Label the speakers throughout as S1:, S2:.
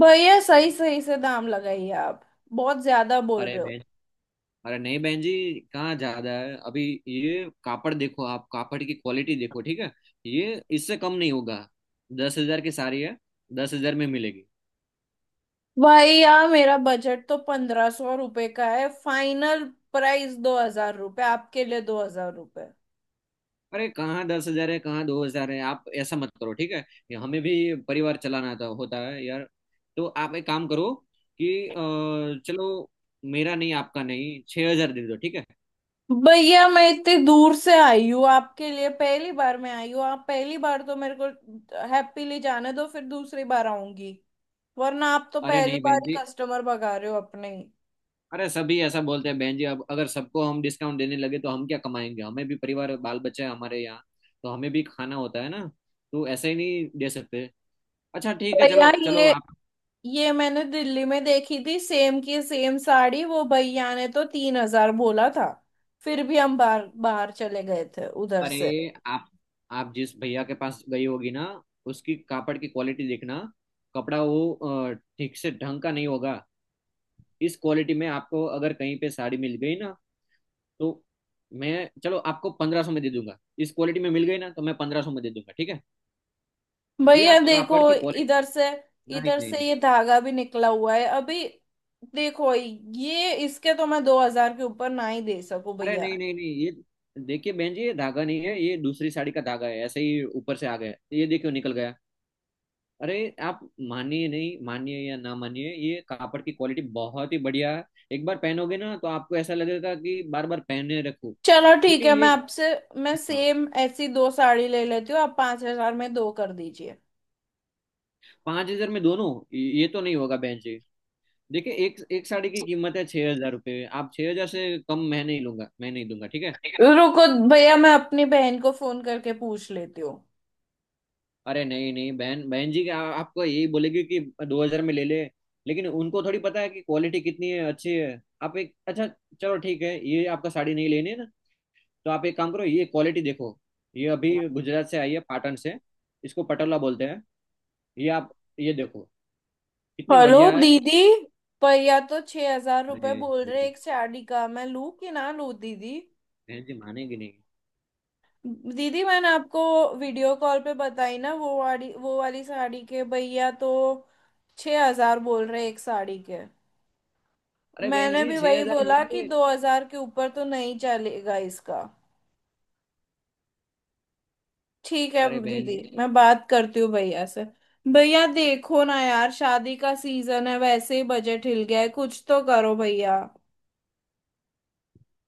S1: भैया, सही सही से दाम लगाइए। आप बहुत ज्यादा बोल
S2: अरे
S1: रहे हो।
S2: बहन। अरे नहीं, बहन जी। कहाँ ज्यादा है अभी? ये कापड़ देखो, आप कापड़ की क्वालिटी देखो, ठीक है। ये इससे कम नहीं होगा। 10,000 की साड़ी है, 10,000 में मिलेगी।
S1: भैया, मेरा बजट तो 1500 रुपये का है। फाइनल प्राइस 2000 रुपये, आपके लिए 2000 रुपये।
S2: अरे कहाँ 10,000 है, कहाँ 2,000 है! आप ऐसा मत करो, ठीक है। ये हमें भी परिवार चलाना था, होता है यार। तो आप एक काम करो कि चलो, मेरा नहीं आपका नहीं, 6,000 दे दो, ठीक है।
S1: भैया, मैं इतनी दूर से आई हूँ। आपके लिए पहली बार मैं आई हूँ, आप पहली बार तो मेरे को हैप्पीली जाने दो, फिर दूसरी बार आऊंगी। वरना आप तो
S2: अरे
S1: पहली
S2: नहीं
S1: बार
S2: बहन
S1: ही
S2: जी,
S1: कस्टमर भगा रहे हो, अपने ही।
S2: अरे सभी ऐसा बोलते हैं बहन जी, अब अगर सबको हम डिस्काउंट देने लगे तो हम क्या कमाएंगे? हमें भी परिवार, बाल बच्चे हैं हमारे यहाँ। तो हमें भी खाना होता है ना। तो ऐसे ही नहीं दे सकते। अच्छा ठीक है,
S1: भैया
S2: चलो
S1: ये
S2: चलो आप।
S1: ये मैंने दिल्ली में देखी थी, सेम की सेम साड़ी, वो भैया ने तो 3000 बोला था। फिर भी हम बाहर बाहर चले गए थे उधर से।
S2: अरे आप आप जिस भैया के पास गई होगी ना, उसकी कापड़ की क्वालिटी देखना। कपड़ा वो ठीक से ढंग का नहीं होगा। इस क्वालिटी में आपको अगर कहीं पे साड़ी मिल गई ना, तो मैं, चलो, आपको 1,500 में दे दूंगा। इस क्वालिटी में मिल गई ना तो मैं 1,500 में दे दूंगा, ठीक है। ये
S1: भैया
S2: आप
S1: देखो,
S2: कापड़ की
S1: इधर
S2: क्वालिटी।
S1: से, इधर
S2: नहीं
S1: से
S2: नहीं।
S1: ये धागा भी निकला हुआ है अभी। देखो, ये इसके तो मैं 2000 के ऊपर ना ही दे सकूं
S2: अरे
S1: भैया।
S2: नहीं नहीं नहीं, ये देखिए बहन जी, ये धागा नहीं है, ये दूसरी साड़ी का धागा है, ऐसे ही ऊपर से आ गया, ये देखियो निकल गया। अरे आप मानिए, नहीं मानिए या ना मानिए, ये कापड़ की क्वालिटी बहुत ही बढ़िया है। एक बार पहनोगे ना तो आपको ऐसा लगेगा कि बार बार पहने रखो,
S1: चलो ठीक
S2: क्योंकि
S1: है,
S2: ये।
S1: मैं
S2: हाँ,
S1: सेम ऐसी दो साड़ी ले लेती हूँ, आप 5000 में दो कर दीजिए।
S2: 5,000 में दोनों? ये तो नहीं होगा बहन जी। देखिए, एक एक साड़ी की कीमत है 6,000 रुपये। आप 6,000 से कम मैं नहीं लूंगा, मैं नहीं दूंगा, ठीक है।
S1: रुको भैया, मैं अपनी बहन को फोन करके पूछ लेती हूँ।
S2: अरे नहीं नहीं, बहन बहन जी, क्या आपको यही बोलेगी कि 2,000 में ले ले? लेकिन उनको थोड़ी पता है कि क्वालिटी कितनी है अच्छी है। आप एक अच्छा, चलो ठीक है, ये आपका साड़ी नहीं लेनी है ना? तो आप एक काम करो, ये क्वालिटी देखो। ये अभी गुजरात से आई है, पाटन से। इसको पटोला बोलते हैं। ये आप, ये देखो, कितनी
S1: हेलो
S2: बढ़िया है।
S1: दीदी, भैया तो 6000 रुपये
S2: अरे
S1: बोल रहे
S2: ये
S1: एक साड़ी का। मैं लूं कि ना लूं दीदी?
S2: बहन जी मानेगी नहीं।
S1: दीदी, मैंने आपको वीडियो कॉल पे बताई ना, वो वाली साड़ी के भैया तो छह हजार बोल रहे एक साड़ी के।
S2: अरे बहन
S1: मैंने
S2: जी
S1: भी
S2: छह
S1: वही
S2: हजार ही
S1: बोला कि
S2: होंगे।
S1: 2000 के ऊपर तो नहीं चलेगा इसका। ठीक है
S2: अरे बहन,
S1: दीदी, मैं बात करती हूँ भैया से। भैया देखो ना यार, शादी का सीजन है, वैसे ही बजट हिल गया है, कुछ तो करो भैया।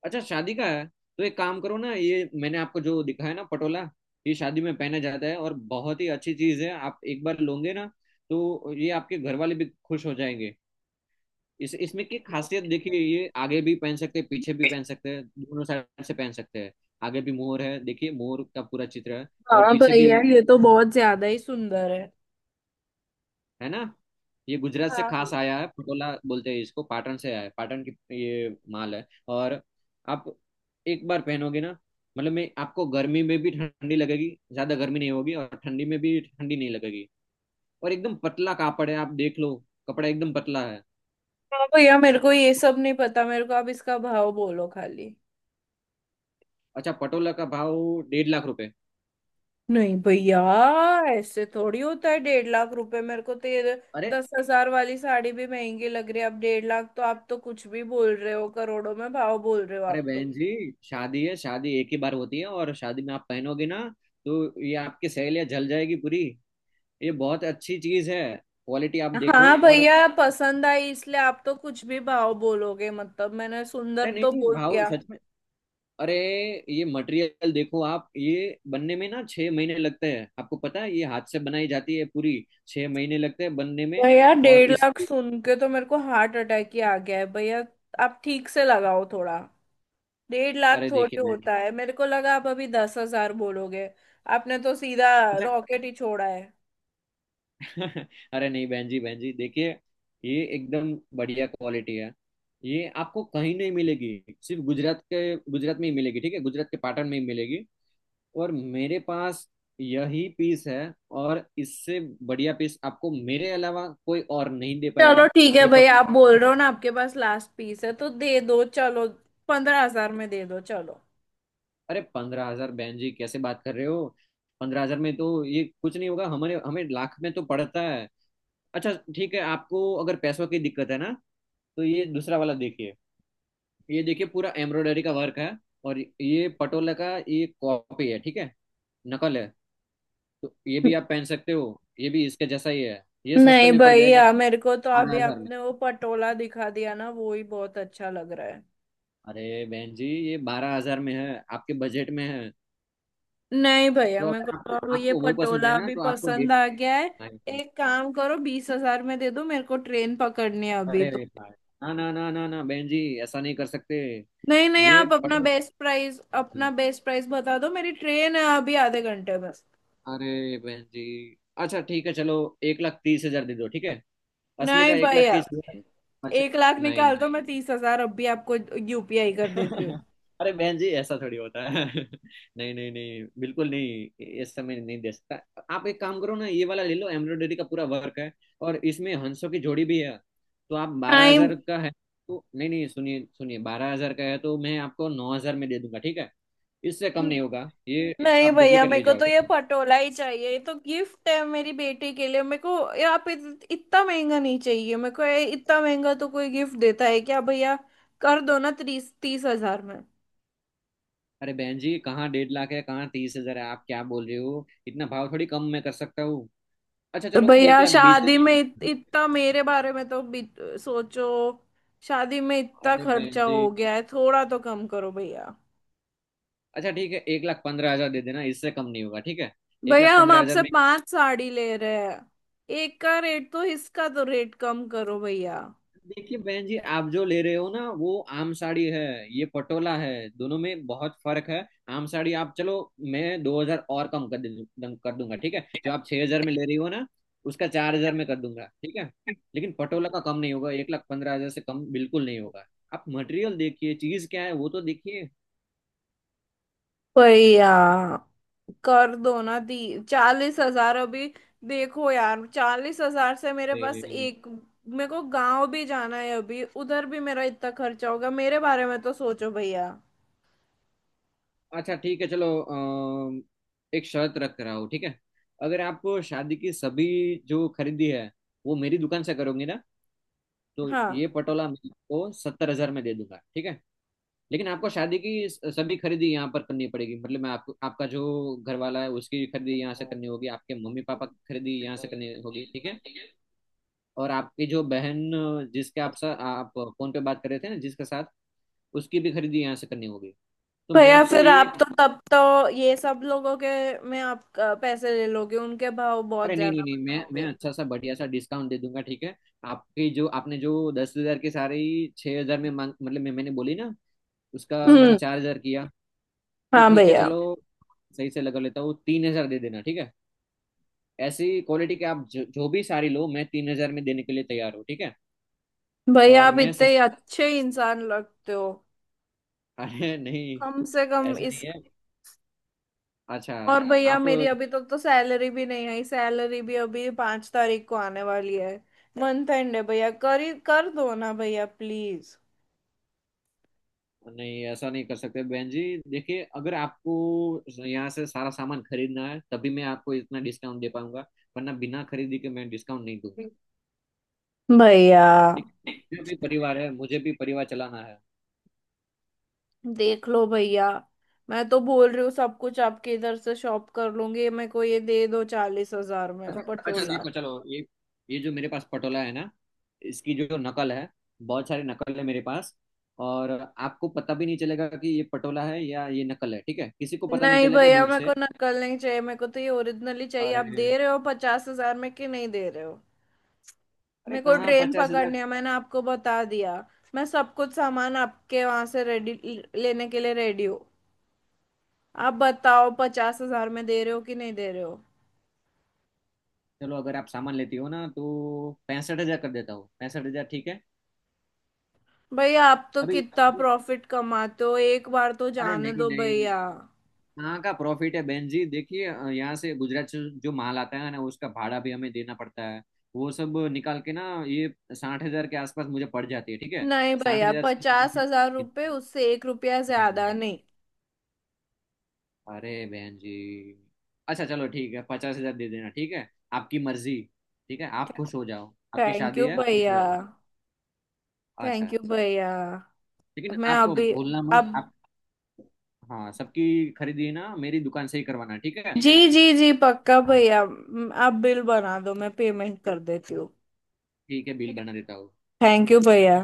S2: अच्छा शादी का है, तो एक काम करो ना, ये मैंने आपको जो दिखाया ना पटोला, ये शादी में पहना जाता है और बहुत ही अच्छी चीज है। आप एक बार लोगे ना तो ये आपके घर वाले भी खुश हो जाएंगे। इस इसमें की खासियत देखिए, ये आगे भी पहन सकते हैं, पीछे भी पहन सकते हैं, दोनों साइड से पहन सकते हैं। आगे भी मोर है, देखिए मोर का पूरा चित्र है, और
S1: हाँ
S2: पीछे भी।
S1: भैया, ये तो बहुत ज्यादा ही सुंदर है।
S2: है ना? ये गुजरात से
S1: हाँ
S2: खास
S1: भैया।
S2: आया है, पटोला बोलते हैं इसको, पाटन से आया है, पाटन की ये माल है। और आप एक बार पहनोगे ना, मतलब मैं आपको, गर्मी में भी ठंडी लगेगी, ज्यादा गर्मी नहीं होगी और ठंडी में भी ठंडी नहीं लगेगी, और एकदम पतला कापड़ है, आप देख लो। कपड़ा एकदम पतला है।
S1: हाँ भैया, मेरे को ये सब नहीं पता, मेरे को आप इसका भाव बोलो खाली।
S2: अच्छा, पटोला का भाव 1,50,000 रुपए।
S1: नहीं भैया, ऐसे थोड़ी होता है डेढ़ लाख रुपए। मेरे को तो ये
S2: अरे,
S1: 10,000 वाली साड़ी भी महंगी लग रही है, अब डेढ़ लाख तो आप तो कुछ भी बोल रहे हो, करोड़ों में भाव बोल रहे हो
S2: अरे
S1: आप तो।
S2: बहन जी, शादी है, शादी एक ही बार होती है, और शादी में आप पहनोगे ना तो ये आपकी सहेलियां जल जाएगी पूरी। ये बहुत अच्छी चीज है, क्वालिटी आप देखो।
S1: हाँ
S2: और अरे
S1: भैया, पसंद आई इसलिए आप तो कुछ भी भाव बोलोगे, मतलब मैंने
S2: नहीं
S1: सुंदर तो
S2: नहीं,
S1: बोल
S2: भाव
S1: दिया।
S2: सच में। अरे ये मटेरियल देखो आप, ये बनने में ना 6 महीने लगते हैं, आपको पता है, ये हाथ से बनाई जाती है पूरी। 6 महीने लगते हैं बनने में।
S1: भैया,
S2: और
S1: डेढ़
S2: इस,
S1: लाख सुन के तो मेरे को हार्ट अटैक ही आ गया है भैया। आप ठीक से लगाओ थोड़ा। डेढ़ लाख
S2: अरे देखिए
S1: थोड़ी
S2: बहन जी,
S1: होता है, मेरे को लगा आप अभी 10,000 बोलोगे। आपने तो सीधा
S2: अच्छा।
S1: रॉकेट ही छोड़ा है।
S2: अरे नहीं बहन जी, बहन जी देखिए, ये एकदम बढ़िया क्वालिटी है, ये आपको कहीं नहीं मिलेगी, सिर्फ गुजरात के, गुजरात में ही मिलेगी, ठीक है, गुजरात के पाटन में ही मिलेगी। और मेरे पास यही पीस है, और इससे बढ़िया पीस आपको मेरे अलावा कोई और नहीं दे
S1: चलो
S2: पाएगा।
S1: ठीक है
S2: ये पट,
S1: भैया, आप बोल रहे हो ना आपके पास लास्ट पीस है तो दे दो चलो, 15,000 में दे दो चलो।
S2: अरे 15,000, बहन जी कैसे बात कर रहे हो? 15,000 में तो ये कुछ नहीं होगा, हमारे हमें लाख में तो पड़ता है। अच्छा ठीक है, आपको अगर पैसों की दिक्कत है ना, तो ये दूसरा वाला देखिए। ये देखिए, पूरा एम्ब्रॉयडरी का वर्क है, और ये पटोला का ये कॉपी है, ठीक है, नकल है। तो ये भी आप पहन सकते हो, ये भी इसके जैसा ही है, ये सस्ते
S1: नहीं
S2: में पड़ जाएगा।
S1: भैया, मेरे को तो
S2: बारह
S1: अभी
S2: हजार में?
S1: आपने वो पटोला दिखा दिया ना, वो ही बहुत अच्छा लग रहा है।
S2: अरे बहन जी, ये 12,000 में है, आपके बजट में है।
S1: नहीं भैया,
S2: तो
S1: मेरे को
S2: अगर
S1: तो
S2: आपको,
S1: अब ये
S2: आपको वो पसंद है
S1: पटोला
S2: ना,
S1: अभी
S2: तो आपको डेढ़,
S1: पसंद आ गया है। एक काम करो, 20,000 में दे दो, मेरे को ट्रेन पकड़नी है अभी तो।
S2: अरे भाई, ना ना ना ना ना, बहन जी, ऐसा नहीं कर सकते।
S1: नहीं नहीं,
S2: ये
S1: आप अपना
S2: पटल।
S1: बेस्ट प्राइस, अपना बेस्ट प्राइस बता दो, मेरी ट्रेन है अभी आधे घंटे में।
S2: अरे बहन जी, अच्छा ठीक है चलो, 1,30,000 दे दो, ठीक है, असली
S1: नहीं
S2: का एक लाख
S1: भैया,
S2: तीस हजार अच्छा।
S1: 1 लाख
S2: नहीं
S1: निकाल
S2: नहीं।
S1: दो, मैं 30,000 अभी आपको यूपीआई कर देती हूँ।
S2: अरे बहन जी ऐसा थोड़ी होता है। नहीं नहीं नहीं, बिल्कुल नहीं, ये समय नहीं दे सकता। आप एक काम करो ना, ये वाला ले लो, एम्ब्रॉयडरी का पूरा वर्क है, और इसमें हंसों की जोड़ी भी है। तो आप, बारह
S1: नहीं
S2: हजार का है, तो नहीं नहीं, सुनिए सुनिए, 12,000 का है तो मैं आपको 9,000 में दे दूंगा, ठीक है। इससे कम नहीं होगा ये।
S1: नहीं
S2: आप
S1: भैया,
S2: डुप्लीकेट ले
S1: मेरे को
S2: जाओ,
S1: तो
S2: ठीक
S1: ये
S2: है।
S1: पटोला ही चाहिए। ये तो गिफ्ट है मेरी बेटी के लिए। मेरे को ये आप इतना महंगा नहीं चाहिए, मेरे को ये इतना महंगा तो कोई गिफ्ट देता है क्या भैया? कर दो ना, तीस तीस हजार में।
S2: अरे बहन जी कहाँ 1,50,000 है, कहाँ 30,000 है! आप क्या बोल रहे हो, इतना भाव थोड़ी कम मैं कर सकता हूँ? अच्छा
S1: तो
S2: चलो, एक
S1: भैया,
S2: लाख बीस
S1: शादी में इतना, मेरे बारे में तो सोचो। शादी में इतना
S2: अरे बहन
S1: खर्चा
S2: जी,
S1: हो गया है, थोड़ा तो कम करो भैया।
S2: अच्छा ठीक है, 1,15,000 दे देना, इससे कम नहीं होगा, ठीक है। एक
S1: भैया,
S2: लाख
S1: हम
S2: पंद्रह हजार
S1: आपसे
S2: में।
S1: पांच साड़ी ले रहे हैं, एक का रेट, तो इसका तो रेट कम करो भैया।
S2: देखिए बहन जी, आप जो ले रहे हो ना, वो आम साड़ी है, ये पटोला है, दोनों में बहुत फर्क है। आम साड़ी आप चलो, मैं 2,000 और कम कर दूंगा, ठीक है। जो आप 6,000 में ले रही हो ना, उसका 4,000 में कर दूंगा, ठीक है। लेकिन पटोला का कम नहीं होगा, 1,15,000 से कम बिल्कुल नहीं होगा। आप मटेरियल देखिए, चीज क्या है वो तो देखिए।
S1: वही यार, कर दो ना दी, 40,000 अभी। देखो यार, 40,000 से मेरे पास एक, मेरे को गांव भी जाना है अभी, उधर भी मेरा इतना खर्चा होगा, मेरे बारे में तो सोचो भैया।
S2: अच्छा ठीक है, चलो एक शर्त रख रहा हूँ, ठीक है। अगर आप शादी की सभी जो खरीदी है, वो मेरी दुकान से करोगे ना, तो
S1: हाँ
S2: ये पटोला मैं आपको 70,000 में दे दूंगा, ठीक है। लेकिन आपको शादी की सभी खरीदी यहाँ पर करनी पड़ेगी, मतलब मैं आपको, आपका जो घर वाला है उसकी खरीदी यहाँ से करनी होगी, आपके मम्मी पापा की खरीदी यहाँ से करनी होगी, ठीक है। और आपकी जो बहन, जिसके आप आप फोन पे बात कर रहे थे ना जिसके साथ, उसकी भी खरीदी यहाँ से करनी होगी। तो मैं
S1: भैया,
S2: आपको
S1: फिर
S2: ये,
S1: आप तो, तब तो ये सब लोगों के में आप पैसे ले लोगे, उनके भाव बहुत
S2: अरे नहीं नहीं
S1: ज्यादा
S2: नहीं, मैं
S1: बताओगे।
S2: अच्छा सा बढ़िया सा डिस्काउंट दे दूंगा, ठीक है। आपकी जो, आपने जो 10,000 के सारे ही 6,000 में मांग, मतलब मैं मैंने बोली ना, उसका मैंने
S1: हम्म।
S2: 4,000 किया, तो
S1: हाँ
S2: ठीक है
S1: भैया।
S2: चलो, सही से लगा लेता हूँ, 3,000 दे देना, ठीक है। ऐसी क्वालिटी के आप जो भी सारी लो, मैं 3,000 में देने के लिए तैयार हूँ, ठीक है।
S1: भैया,
S2: और
S1: आप
S2: मैं
S1: इतने
S2: सस्ता।
S1: अच्छे इंसान लगते हो।
S2: अरे नहीं,
S1: कम से कम
S2: ऐसा
S1: इस।
S2: नहीं है। अच्छा,
S1: और भैया,
S2: आप,
S1: मेरी अभी तक तो सैलरी भी नहीं आई, सैलरी भी अभी 5 तारीख को आने वाली है। मंथ एंड है भैया, कर ही कर दो ना भैया प्लीज।
S2: नहीं ऐसा नहीं कर सकते बहन जी। देखिए, अगर आपको यहाँ से सारा सामान खरीदना है, तभी मैं आपको इतना डिस्काउंट दे पाऊंगा, वरना बिना खरीदी के मैं डिस्काउंट नहीं दूंगा।
S1: भैया,
S2: ठीक है? मुझे भी परिवार है, मुझे भी परिवार चलाना है।
S1: देख लो भैया। मैं तो बोल रही हूँ सब कुछ आपके इधर से शॉप कर लूंगी, मेरे को ये दे दो 40,000
S2: अच्छा,
S1: में
S2: अच्छा
S1: पटोला।
S2: देखो, चलो ये जो मेरे पास पटोला है ना, इसकी जो नकल है, बहुत सारी नकल है मेरे पास। और आपको पता भी नहीं चलेगा कि ये पटोला है या ये नकल है, ठीक है, किसी को पता नहीं
S1: नहीं
S2: चलेगा
S1: भैया,
S2: दूर
S1: मेरे
S2: से।
S1: को नकल नहीं चाहिए, मेरे को तो ये ओरिजिनली चाहिए। आप
S2: अरे,
S1: दे रहे हो 50,000 में कि नहीं दे रहे हो?
S2: अरे
S1: मेरे को
S2: कहाँ
S1: ट्रेन
S2: पचास
S1: पकड़नी
S2: हजार
S1: है मैंने आपको बता दिया। मैं सब कुछ सामान आपके वहां से रेडी, लेने के लिए रेडी हूँ। आप बताओ 50,000 में दे रहे हो कि नहीं दे रहे हो?
S2: चलो, अगर आप सामान लेती हो ना, तो 65,000 कर देता हूँ, 65,000, ठीक है।
S1: भैया, आप तो
S2: अभी,
S1: कितना प्रॉफिट कमाते हो? एक बार तो
S2: अरे
S1: जाने
S2: नहीं
S1: दो
S2: नहीं,
S1: भैया।
S2: कहाँ का प्रॉफिट है बहन जी, देखिए यहाँ से गुजरात से जो माल आता है ना, उसका भाड़ा भी हमें देना पड़ता है, वो सब निकाल के ना, ये 60,000 के आसपास मुझे पड़ जाती है, ठीक है।
S1: नहीं
S2: साठ
S1: भैया,
S2: हजार से कम
S1: पचास
S2: नहीं।
S1: हजार रुपये उससे 1 रुपया
S2: नहीं
S1: ज्यादा
S2: नहीं।
S1: नहीं।
S2: अरे बहन जी, अच्छा चलो ठीक है, 50,000 दे देना, ठीक है। आपकी मर्जी, ठीक है, आप खुश हो जाओ, आपकी
S1: थैंक
S2: शादी
S1: यू
S2: है, खुश
S1: भैया।
S2: रहो।
S1: थैंक
S2: अच्छा,
S1: यू भैया।
S2: लेकिन
S1: मैं
S2: आप
S1: अभी,
S2: भूलना
S1: अब,
S2: मत। हाँ, सबकी खरीदी ना मेरी दुकान से ही करवाना, ठीक है।
S1: जी जी जी पक्का भैया, आप बिल बना दो, मैं पेमेंट कर देती हूँ।
S2: ठीक है, बिल बना देता हूँ।
S1: थैंक यू भैया।